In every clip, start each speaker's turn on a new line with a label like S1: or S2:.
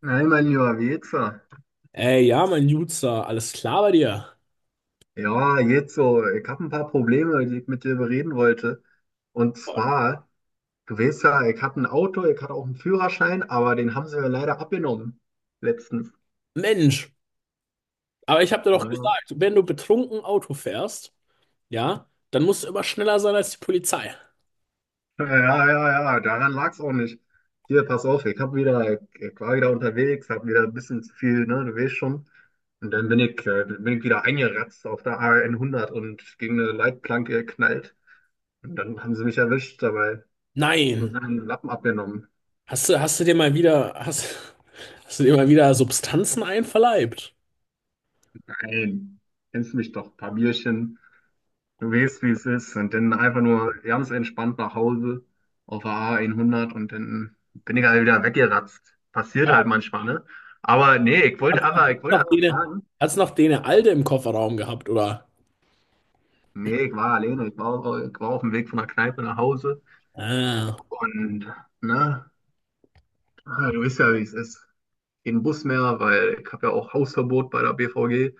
S1: Nein, mein lieber Jetzer.
S2: Ey, ja, mein Jutzer, alles klar bei dir?
S1: Ja, jetzt so, ich habe ein paar Probleme, die ich mit dir bereden wollte. Und zwar, du weißt ja, ich habe ein Auto, ich hatte auch einen Führerschein, aber den haben sie mir leider abgenommen letztens.
S2: Mensch, aber ich hab dir doch
S1: Ja,
S2: gesagt, wenn du betrunken Auto fährst, ja, dann musst du immer schneller sein als die Polizei.
S1: ja, ja, ja, daran lag es auch nicht. Hier, pass auf, ich war wieder unterwegs, hab wieder ein bisschen zu viel, ne, du weißt schon. Und dann bin ich wieder eingeratzt auf der A 100 und gegen eine Leitplanke geknallt. Und dann haben sie mich erwischt dabei und
S2: Nein,
S1: haben den Lappen abgenommen.
S2: hast du, hast du dir mal wieder, hast, hast du dir mal wieder Substanzen einverleibt?
S1: Ey, kennst mich doch, paar Bierchen, du weißt, wie es ist. Und dann einfach nur ganz entspannt nach Hause auf der A100 und dann bin ich halt wieder weggeratzt. Passiert
S2: Ja,
S1: halt manchmal, ne? Aber nee,
S2: hat's noch, hat's
S1: ich wollte
S2: noch
S1: einfach
S2: dene,
S1: fragen.
S2: hat's noch dene Alte im Kofferraum gehabt, oder?
S1: Nee, ich war alleine, ich war auf dem Weg von der Kneipe nach Hause
S2: Ah,
S1: und, ne, du weißt ja, wie es ist. Kein Bus mehr, weil ich habe ja auch Hausverbot bei der BVG,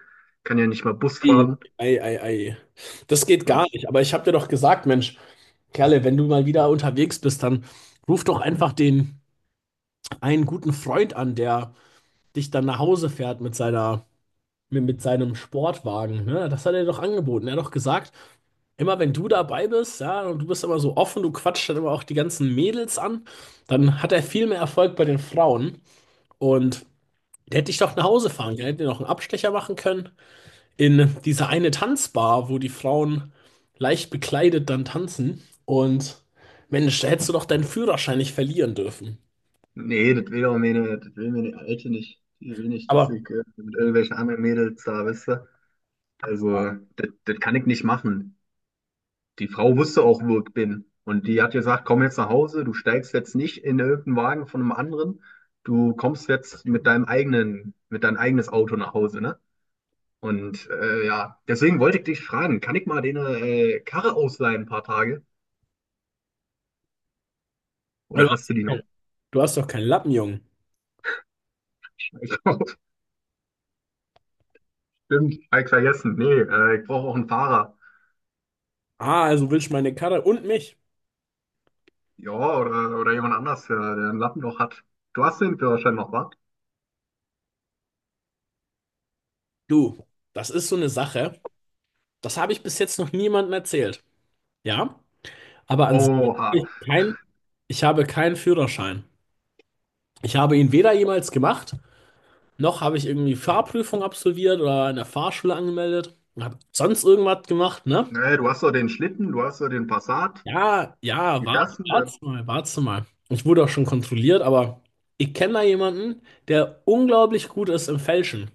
S1: kann ja nicht mal Bus
S2: ei,
S1: fahren.
S2: ei, ei, ei. Das geht gar nicht, aber ich hab dir doch gesagt, Mensch, Kerle, wenn du mal wieder unterwegs bist, dann ruf doch einfach den. Einen guten Freund an, der dich dann nach Hause fährt mit mit seinem Sportwagen. Ne? Das hat er doch angeboten. Er hat doch gesagt, immer wenn du dabei bist, ja, und du bist immer so offen, du quatschst dann immer auch die ganzen Mädels an, dann hat er viel mehr Erfolg bei den Frauen. Und der hätte dich doch nach Hause fahren können, hätte dir noch einen Abstecher machen können in diese eine Tanzbar, wo die Frauen leicht bekleidet dann tanzen. Und Mensch, da hättest du doch deinen Führerschein nicht verlieren dürfen.
S1: Nee, das will meine Alte nicht. Die will nicht, dass
S2: Aber
S1: ich mit irgendwelchen anderen Mädels da, weißt du? Also, das kann ich nicht machen. Die Frau wusste auch, wo ich bin. Und die hat gesagt, komm jetzt nach Hause, du steigst jetzt nicht in irgendeinen Wagen von einem anderen. Du kommst jetzt mit deinem eigenes Auto nach Hause, ne? Und ja, deswegen wollte ich dich fragen, kann ich mal deine Karre ausleihen ein paar Tage?
S2: weil
S1: Oder
S2: du
S1: hast
S2: hast
S1: du die noch?
S2: du hast doch keinen Lappen, Junge.
S1: Ich glaub, stimmt, hab ich vergessen. Nee, ich brauche auch einen Fahrer.
S2: Ah, also willst du meine Karre und mich?
S1: Ja, oder jemand anders, der ein Lappenloch hat. Du hast den Führerschein noch, wa?
S2: Du, das ist so eine Sache. Das habe ich bis jetzt noch niemandem erzählt. Ja, aber an sich
S1: Oha.
S2: habe ich kein, ich habe keinen Führerschein. Ich habe ihn weder jemals gemacht, noch habe ich irgendwie Fahrprüfung absolviert oder in der Fahrschule angemeldet und habe sonst irgendwas gemacht, ne?
S1: Nee, du hast doch den Schlitten, du hast doch den Passat.
S2: Ja, ja,
S1: Wie fährst du denn?
S2: warte mal. Ich wurde auch schon kontrolliert, aber ich kenne da jemanden, der unglaublich gut ist im Fälschen.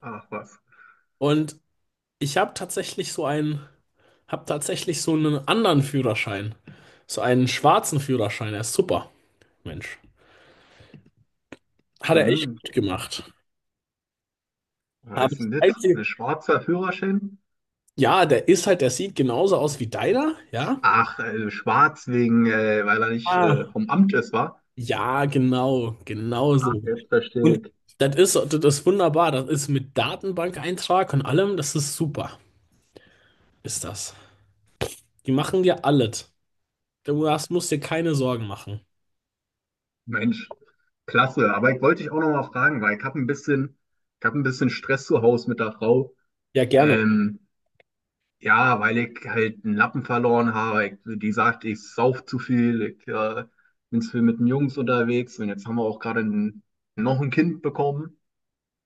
S1: Ach, was?
S2: Und ich habe habe tatsächlich so einen anderen Führerschein. So einen schwarzen Führerschein. Er ist super, Mensch. Hat er echt
S1: Hm,
S2: gut gemacht.
S1: war
S2: Aber
S1: das
S2: das
S1: ein Lit?
S2: Einzige,
S1: Ein schwarzer Führerschein?
S2: ja, der sieht genauso aus wie deiner, ja?
S1: Ach, schwarz wegen, weil er nicht
S2: Ah.
S1: vom Amt ist, war.
S2: Ja, genau, genau so.
S1: Jetzt verstehe
S2: Und
S1: ich.
S2: das ist wunderbar. Das ist mit Datenbankeintrag und allem, das ist super, ist das. Die machen dir alles. Musst dir keine Sorgen machen.
S1: Mensch, klasse. Aber ich wollte dich auch noch mal fragen, weil ich hab ein bisschen Stress zu Hause mit der Frau.
S2: Ja, gerne.
S1: Ähm, Ja, weil ich halt einen Lappen verloren habe. Die sagt, ich sauf zu viel, ich bin zu viel mit den Jungs unterwegs und jetzt haben wir auch gerade noch ein Kind bekommen.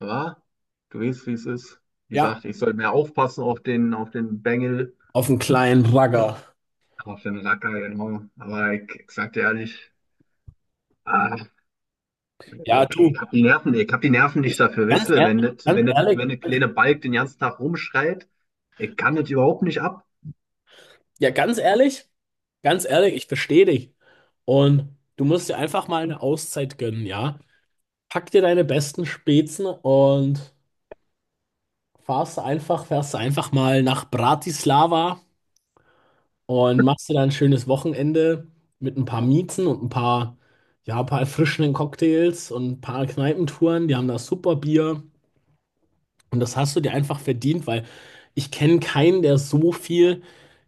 S1: Ja, du weißt, wie es ist. Die
S2: Ja,
S1: sagt, ich soll mehr aufpassen auf den Bengel,
S2: auf einen kleinen Bagger.
S1: auf den Racker, genau. Aber ich sag dir ehrlich, ah,
S2: Ja,
S1: ich,
S2: du.
S1: ich hab die Nerven, ich hab die Nerven nicht dafür, weißt
S2: Ganz
S1: du, wenn
S2: ehrlich, ganz ehrlich,
S1: wenn der kleine Balk den ganzen Tag rumschreit, ich kann das überhaupt nicht ab.
S2: ja, ganz ehrlich, ganz ehrlich, ich verstehe dich. Und du musst dir einfach mal eine Auszeit gönnen, ja? Pack dir deine besten Spezen und fährst einfach mal nach Bratislava und machst dir dann ein schönes Wochenende mit ein paar Miezen und ein paar, ja, ein paar erfrischenden Cocktails und ein paar Kneipentouren. Die haben da super Bier. Und das hast du dir einfach verdient, weil ich kenne keinen,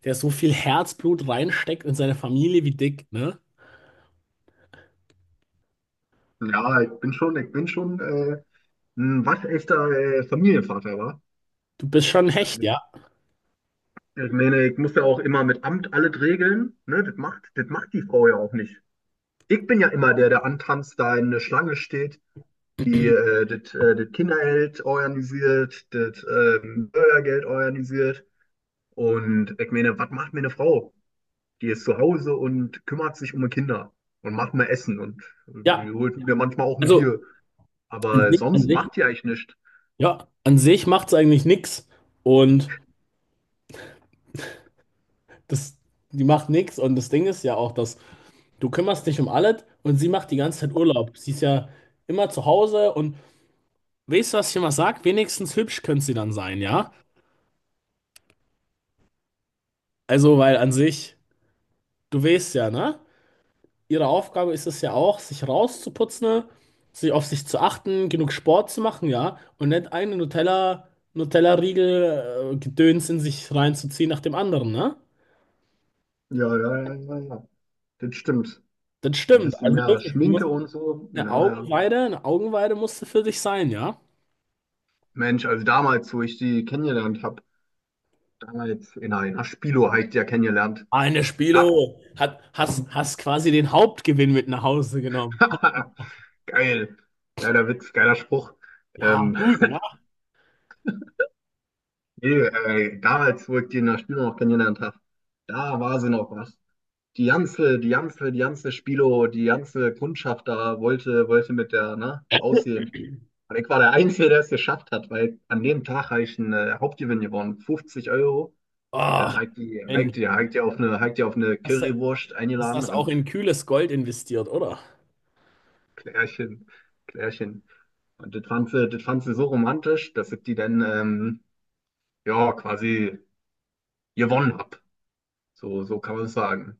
S2: der so viel Herzblut reinsteckt in seine Familie wie Dick, ne?
S1: Ja, ich bin schon, ich bin schon. Ein waschechter Familienvater war.
S2: Du bist schon ein Hecht, ja?
S1: Ich meine, ich muss ja auch immer mit Amt alles regeln. Ne? Das macht die Frau ja auch nicht. Ich bin ja immer der, der antanzt, da in der Schlange steht, die das das Kindergeld organisiert, das Bürgergeld organisiert. Und ich meine, was macht mir eine Frau? Die ist zu Hause und kümmert sich um die Kinder und macht mir Essen und
S2: Ja,
S1: die holt mir manchmal auch ein
S2: also
S1: Bier.
S2: an
S1: Aber
S2: sich, an
S1: sonst
S2: sich,
S1: macht die eigentlich nichts.
S2: ja, an sich macht's eigentlich nix und das, die macht nix und das Ding ist ja auch, dass du kümmerst dich um alles und sie macht die ganze Zeit Urlaub. Sie ist ja immer zu Hause und weißt du, was ich immer sag? Wenigstens hübsch könnte sie dann sein, ja? Also, weil an sich, du weißt ja, ne? Ihre Aufgabe ist es ja auch, sich rauszuputzen, sich auf sich zu achten, genug Sport zu machen, ja, und nicht einen Nutella-Riegel, Gedöns in sich reinzuziehen nach dem anderen, ne?
S1: Ja, ja, ja, ja, ja. Das stimmt.
S2: Das
S1: Ein
S2: stimmt.
S1: bisschen
S2: Also
S1: mehr
S2: wirklich, du musst
S1: Schminke und so. Ja, ja.
S2: Eine Augenweide musste für dich sein, ja?
S1: Mensch, also damals, wo ich die kennengelernt habe, damals in einer Spilo habe ich die ja kennengelernt.
S2: Eine
S1: Ja.
S2: Spilo hat, hast, hast quasi den Hauptgewinn mit nach Hause genommen.
S1: Geil. Geiler Witz, geiler Spruch.
S2: Ja,
S1: Ähm,
S2: gut, ne?
S1: nee, damals, wo ich die in der Spilo noch kennengelernt habe, da war sie noch was. Die ganze Spilo, die ganze Kundschaft da wollte mit der, ne, aussehen. Und ich war der Einzige, der es geschafft hat, weil an dem Tag habe ich einen Hauptgewinn gewonnen, 50 Euro. Und
S2: Oh,
S1: dann
S2: Mensch,
S1: hat die auf eine
S2: hast du
S1: Currywurst
S2: hast
S1: eingeladen
S2: das auch in
S1: und.
S2: kühles Gold investiert, oder?
S1: Klärchen, Klärchen. Und das fand sie so romantisch, dass ich die dann, ja, quasi gewonnen habe. So, so kann man es sagen.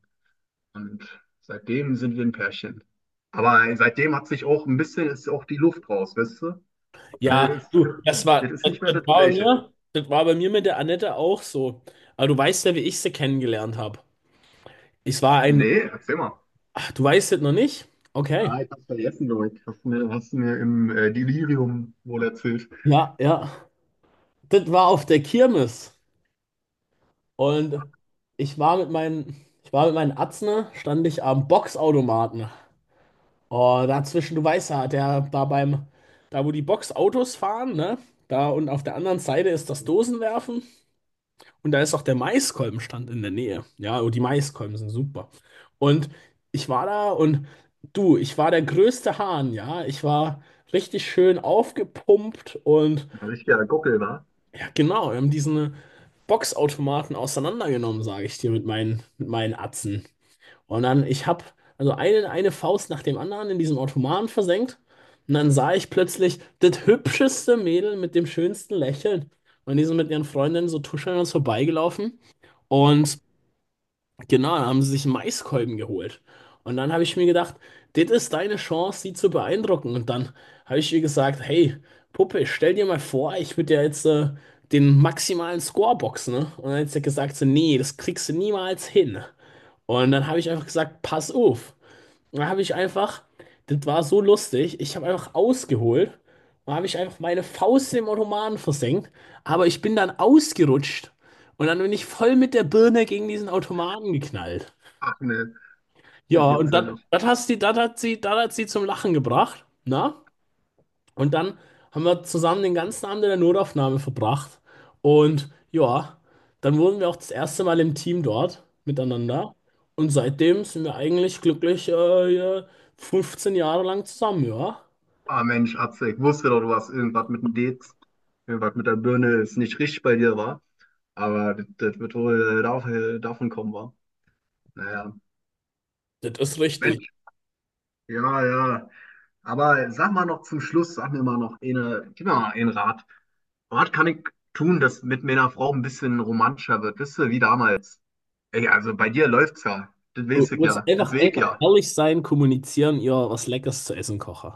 S1: Und seitdem sind wir ein Pärchen. Aber seitdem hat sich auch ein bisschen, ist auch die Luft raus, weißt du? Das
S2: Ja,
S1: ist,
S2: du,
S1: das ist nicht mehr
S2: das
S1: das
S2: war bei
S1: Gleiche.
S2: mir, das war bei mir mit der Annette auch so. Aber du weißt ja, wie ich sie kennengelernt habe. Ich war ein,
S1: Nee, erzähl mal.
S2: ach, du weißt das noch nicht? Okay.
S1: Ah, ich hab's vergessen, glaube ich. Hast du mir im Delirium wohl erzählt.
S2: Ja, ja. Das war auf der Kirmes. Und ich war mit meinen, ich war mit meinen Atzen, stand ich am Boxautomaten. Oh, dazwischen, du weißt ja, der da beim, da wo die Boxautos fahren, ne? Da und auf der anderen Seite ist das Dosenwerfen. Und da ist auch der Maiskolbenstand in der Nähe. Ja, und die Maiskolben sind super. Und ich war da und du, ich war der größte Hahn, ja. Ich war richtig schön aufgepumpt und
S1: Ein richtiger Gockel war.
S2: ja, genau, wir haben diesen Boxautomaten auseinandergenommen, sage ich dir, mit meinen Atzen. Und dann, ich habe also eine Faust nach dem anderen in diesen Automaten versenkt. Und dann sah ich plötzlich das hübscheste Mädel mit dem schönsten Lächeln. Und die sind mit ihren Freundinnen so tuschelnd an uns vorbeigelaufen. Und genau, dann haben sie sich einen Maiskolben geholt. Und dann habe ich mir gedacht, das ist deine Chance, sie zu beeindrucken. Und dann habe ich ihr gesagt, hey, Puppe, stell dir mal vor, ich würde dir jetzt den maximalen Score boxen, ne? Und dann hat sie gesagt, so, nee, das kriegst du niemals hin. Und dann habe ich einfach gesagt, pass auf. Da habe ich einfach, das war so lustig, ich habe einfach ausgeholt und habe ich einfach meine Faust im Ottomanen versenkt, aber ich bin dann ausgerutscht und dann bin ich voll mit der Birne gegen diesen Automaten geknallt.
S1: Ach ne, das
S2: Ja,
S1: gibt's
S2: und
S1: ja
S2: das
S1: nicht.
S2: das hat sie, das hat sie, das hat sie zum Lachen gebracht, na? Und dann haben wir zusammen den ganzen Abend in der Notaufnahme verbracht. Und ja, dann wurden wir auch das erste Mal im Team dort miteinander. Und seitdem sind wir eigentlich glücklich 15 Jahre lang zusammen, ja.
S1: Ah Mensch, Atze, ich wusste doch, du hast irgendwas mit der Birne ist nicht richtig bei dir, war. Aber das wird wohl davon kommen, war. Naja.
S2: Das ist richtig.
S1: Mensch, ja, ja. Aber sag mal noch zum Schluss, sag mir mal noch eine, gib mir mal einen Rat. Was kann ich tun, dass mit meiner Frau ein bisschen romantischer wird? Wisst ihr, wie damals? Ey, also bei dir läuft's ja. Das
S2: Du
S1: weiß ich
S2: musst
S1: ja. Das
S2: einfach,
S1: sehe ich
S2: einfach
S1: ja.
S2: ehrlich sein, kommunizieren, ihr was Leckeres zu essen kochen.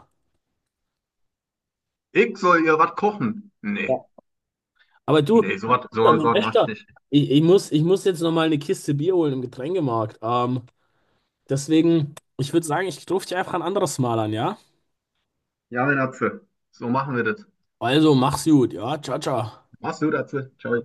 S1: Ich soll ihr was kochen. Nee.
S2: Ja. Aber du,
S1: Nee, so
S2: Mein
S1: was mach ich
S2: Bester,
S1: nicht.
S2: ich muss jetzt nochmal eine Kiste Bier holen im Getränkemarkt. Deswegen, ich würde sagen, ich rufe dich einfach ein anderes Mal an, ja?
S1: Ja, meine Atze. So machen wir das.
S2: Also, mach's gut, ja, ciao, ciao.
S1: Machst du, Atze. Ciao.